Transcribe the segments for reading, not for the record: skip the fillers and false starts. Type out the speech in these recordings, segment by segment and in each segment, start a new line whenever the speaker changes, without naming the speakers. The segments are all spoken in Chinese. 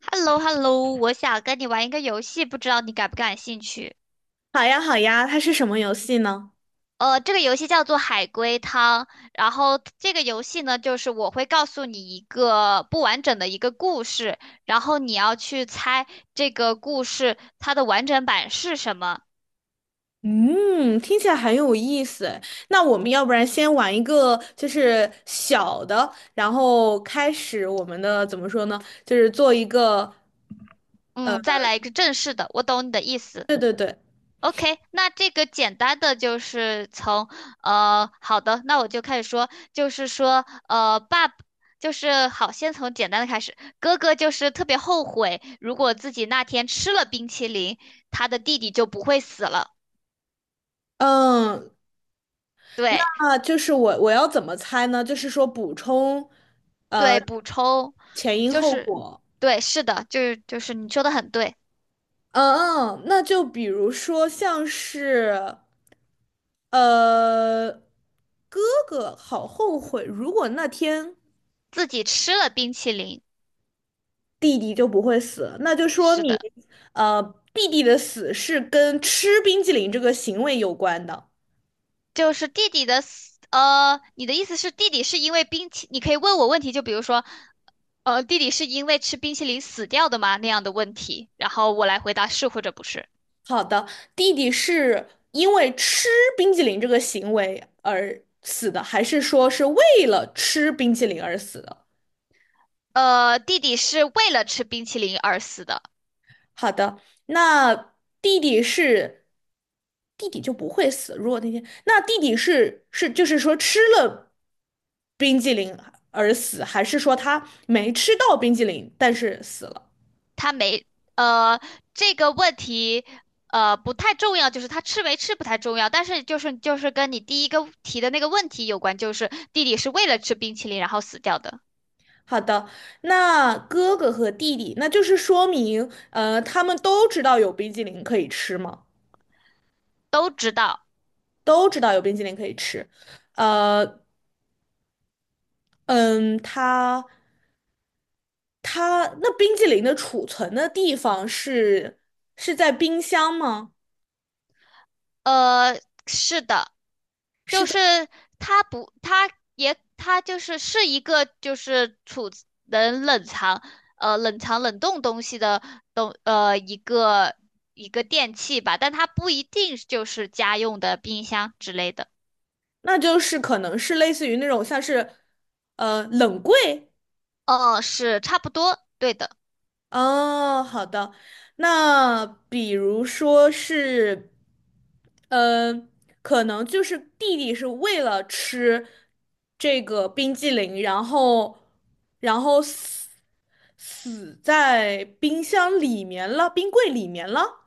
h e l l o h e l l o 我想跟你玩一个游戏，不知道你感不感兴趣？
好呀，好呀，它是什么游戏呢？
这个游戏叫做海龟汤，然后这个游戏呢，就是我会告诉你一个不完整的一个故事，然后你要去猜这个故事它的完整版是什么。
嗯，听起来很有意思。那我们要不然先玩一个，就是小的，然后开始我们的怎么说呢？就是做一个，
嗯，再来一个正式的，我懂你的意思。
对对对，
OK，那这个简单的就是好的，那我就开始说，就是说呃，爸爸就是好，先从简单的开始。哥哥就是特别后悔，如果自己那天吃了冰淇淋，他的弟弟就不会死了。
嗯，
对
那就是我要怎么猜呢？就是说补充，呃，
对，补充
前因
就
后
是
果。
对，是的，就是你说的很对，
嗯嗯，那就比如说像是。呃，哥哥好后悔，如果那天
自己吃了冰淇淋，
弟弟就不会死，那就说
是
明，
的。
呃，弟弟的死是跟吃冰激凌这个行为有关的。
就是弟弟的死，你的意思是弟弟是因为你可以问我问题，就比如说，弟弟是因为吃冰淇淋死掉的吗？那样的问题，然后我来回答是或者不是。
好的，弟弟是因为吃冰激凌这个行为而死的，还是说是为了吃冰激凌而死的？
弟弟是为了吃冰淇淋而死的，
好的，那弟弟是弟弟就不会死。如果那天，那弟弟是就是说吃了冰激凌而死，还是说他没吃到冰激凌但是死了？
他没，呃，这个问题，不太重要，就是他吃没吃不太重要，但是就是跟你第一个提的那个问题有关，就是弟弟是为了吃冰淇淋然后死掉的，
好的，那哥哥和弟弟，那就是说明，他们都知道有冰激凌可以吃吗？
都知道。
都知道有冰激凌可以吃，呃，嗯，他他那冰激凌的储存的地方是在冰箱吗？
呃，是的。就
是在，
是他不，他也他就是一个就是储能冷藏冷冻东西的一个电器吧，但它不一定就是家用的冰箱之类的。
那就是可能是类似于那种像是，冷柜。
哦，是差不多，对的。
哦，好的。那比如说是，呃，可能就是弟弟是为了吃这个冰激凌，然后，然后死在冰箱里面了，冰柜里面了，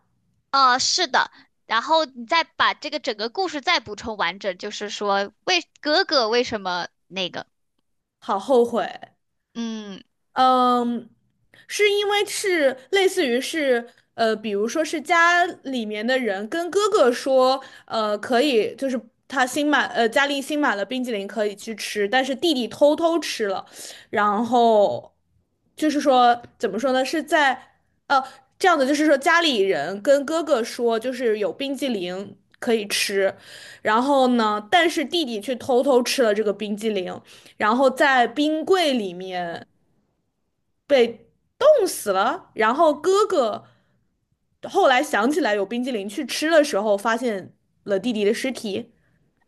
是的。然后你再把这个整个故事再补充完整，就是说哥哥为什么那个，
好后悔。
嗯。
嗯，是因为是类似于是比如说是家里面的人跟哥哥说，呃，可以就是他新买家里新买了冰激凌可以去吃，但是弟弟偷偷吃了，然后就是说怎么说呢，是在呃这样的就是说家里人跟哥哥说就是有冰激凌可以吃，然后呢，但是弟弟却偷偷吃了这个冰激凌。然后在冰柜里面。被冻死了。然后哥哥后来想起来有冰激凌去吃的时候，发现了弟弟的尸体。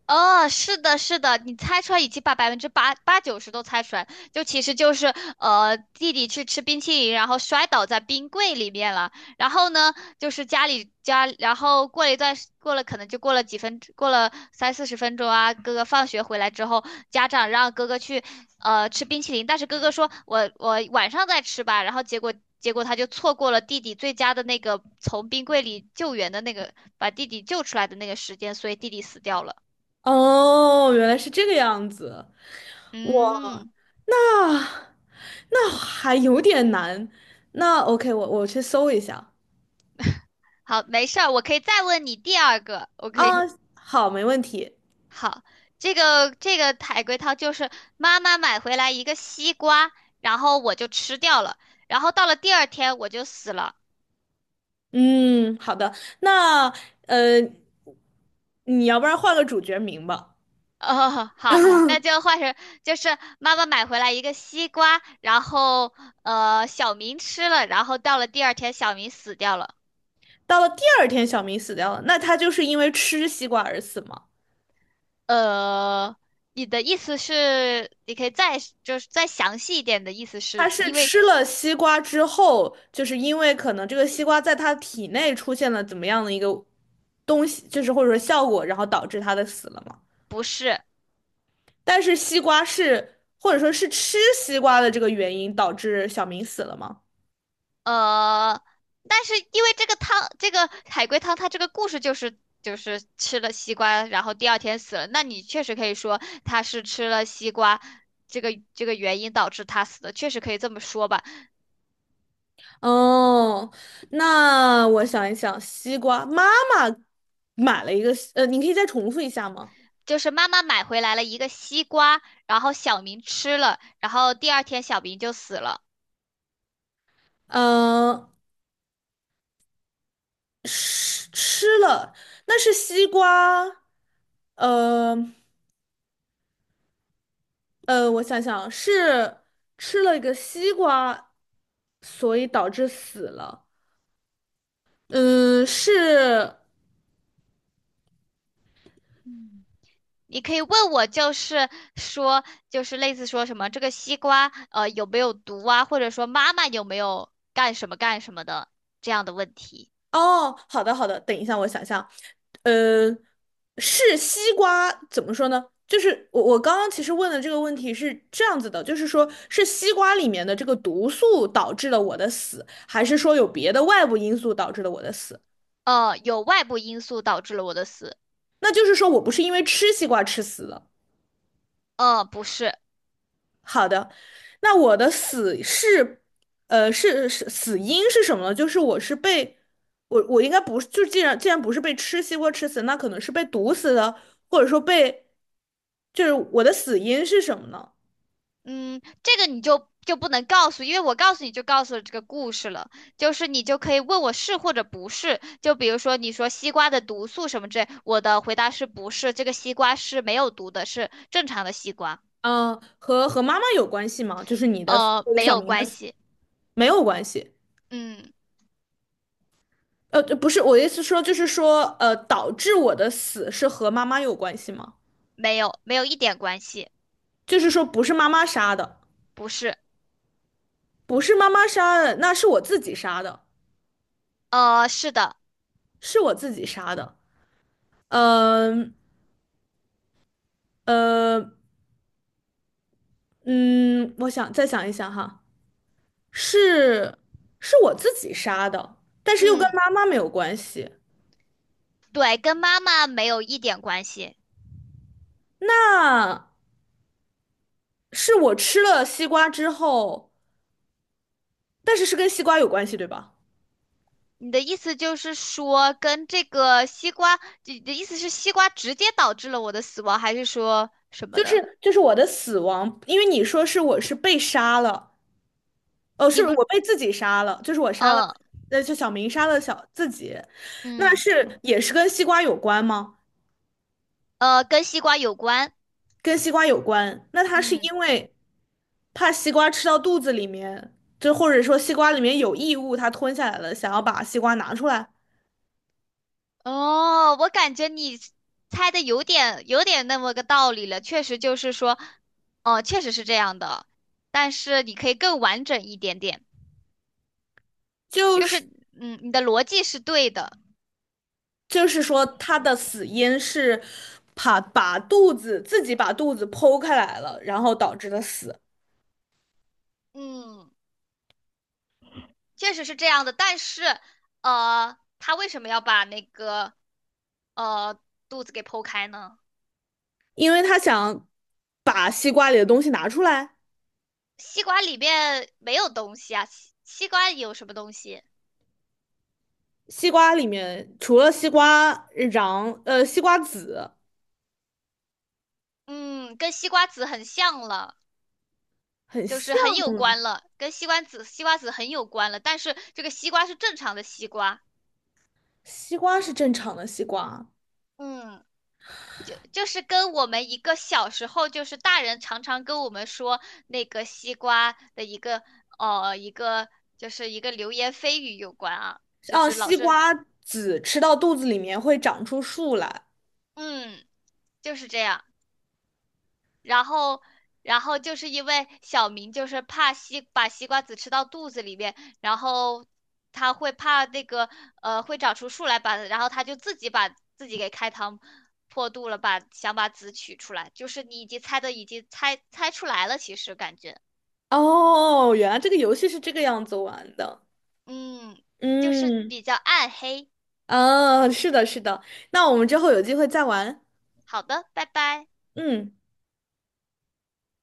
哦，是的，是的，你猜出来已经把百分之八九十都猜出来，就其实就是弟弟去吃冰淇淋，然后摔倒在冰柜里面了。然后呢，就是家里家，然后过了一段时过了可能就过了三四十分钟啊，哥哥放学回来之后，家长让哥哥去吃冰淇淋，但是哥哥说我晚上再吃吧，然后结果。结果他就错过了弟弟最佳的那个从冰柜里救援的那个，把弟弟救出来的那个时间，所以弟弟死掉了。
哦，原来是这个样子。哇，
嗯，
那那还有点难。那 OK，我去搜一下
好，没事儿，我可以再问你第二个，我可以，
啊。OK，好，没问题。
好，这个海龟汤就是妈妈买回来一个西瓜，然后我就吃掉了，然后到了第二天我就死了。
嗯，好的。那呃，你要不然换个主角名吧。
哦，好，那 就换成就是妈妈买回来一个西瓜，然后小明吃了，然后到了第二天小明死掉了。
到了第二天，小明死掉了，那他就是因为吃西瓜而死吗？
呃，你的意思是，你可以再就是再详细一点的意思
他
是
是
因为
吃了西瓜之后，就是因为可能这个西瓜在他体内出现了怎么样的一个东西，就是或者说效果，然后导致他的死了嘛。
不是。
但是西瓜是或者说是吃西瓜的这个原因导致小明死了吗？
呃，但是因为这个汤，这个海龟汤，它这个故事就是吃了西瓜，然后第二天死了。那你确实可以说他是吃了西瓜，这个原因导致他死的，确实可以这么说吧。
哦，那我想一想，西瓜妈妈买了一个，你可以再重复一下吗？
就是妈妈买回来了一个西瓜，然后小明吃了，然后第二天小明就死了。
嗯、呃，吃了，那是西瓜，呃。我想想，是吃了一个西瓜，所以导致死了。嗯，是，
你可以问我，就是说，就是类似说什么这个西瓜有没有毒啊，或者说妈妈有没有干什么干什么的这样的问题。
哦，好的好的，等一下，我想想，呃，是西瓜，怎么说呢？就是我刚刚其实问的这个问题是这样子的，就是说是西瓜里面的这个毒素导致了我的死，还是说有别的外部因素导致了我的死？
有外部因素导致了我的死。
那就是说我不是因为吃西瓜吃死的。
不是，
好的，那我的死是，是死因是什么呢？就是我是被我应该不是，就既然不是被吃西瓜吃死，那可能是被毒死的，或者说被，就是我的死因是什么呢？
嗯，这个你就不能告诉，因为我告诉你就告诉了这个故事了，就是你就可以问我是或者不是。就比如说你说西瓜的毒素什么之类，我的回答是不是，这个西瓜是没有毒的，是正常的西瓜。
嗯、和妈妈有关系吗？就是你的死
没
小
有
明的
关
死
系，
没有关系。
嗯，
呃，不是，我的意思说就是说，导致我的死是和妈妈有关系吗？
没有，没有一点关系，
就是说不是妈妈杀的，
不是，
不是妈妈杀的，那是我自己杀的。
是的，
是我自己杀的。嗯呃嗯，我想再想一想哈，是是我自己杀的，但是又跟
嗯，
妈妈没有关系。
对，跟妈妈没有一点关系。
那是我吃了西瓜之后，但是是跟西瓜有关系，对吧？
你的意思就是说，跟这个西瓜，你的意思是西瓜直接导致了我的死亡，还是说什么
就
的？
是就是我的死亡，因为你说是我是被杀了，
你
是
不，
我被自己杀了，就是我杀了，
呃，
就小明杀了小自己，那
嗯，
是也是跟西瓜有关吗？
呃，跟西瓜有关，
跟西瓜有关。那他是
嗯，
因为怕西瓜吃到肚子里面，就或者说西瓜里面有异物，它吞下来了，想要把西瓜拿出来，
哦，我感觉你猜的有点那么个道理了，确实就是说，哦，确实是这样的，但是你可以更完整一点点，
就
就是，
是
嗯，你的逻辑是对的。
就是说它的死因是怕把肚子自己把肚子剖开来了，然后导致的死，
嗯。确实是这样的，但是他为什么要把那个呃肚子给剖开呢？
因为它想把西瓜里的东西拿出来。
西瓜里面没有东西啊，西瓜有什么东西？
西瓜里面除了西瓜瓤，西瓜籽
嗯，跟西瓜籽很像了，
很
就是
像
很有
呢
关了，跟西瓜籽很有关了，但是这个西瓜是正常的西瓜，
西瓜是正常的西瓜，
嗯。就是跟我们一个小时候，就是大人常常跟我们说那个西瓜的一个一个流言蜚语有关啊，就
让
是老
西
是
瓜籽吃到肚子里面会长出树来。
嗯就是这样。然后，就是因为小明就是把西瓜籽吃到肚子里面，然后他会怕那个会长出树来把，然后他就自己把自己给开膛破肚了，把想把籽取出来，就是你已经猜出来了，其实感觉
哦，原来这个游戏是这个样子玩的。
嗯就是
嗯，
比较暗黑。
啊，是的，是的。那我们之后有机会再玩。
好的，拜拜。
嗯。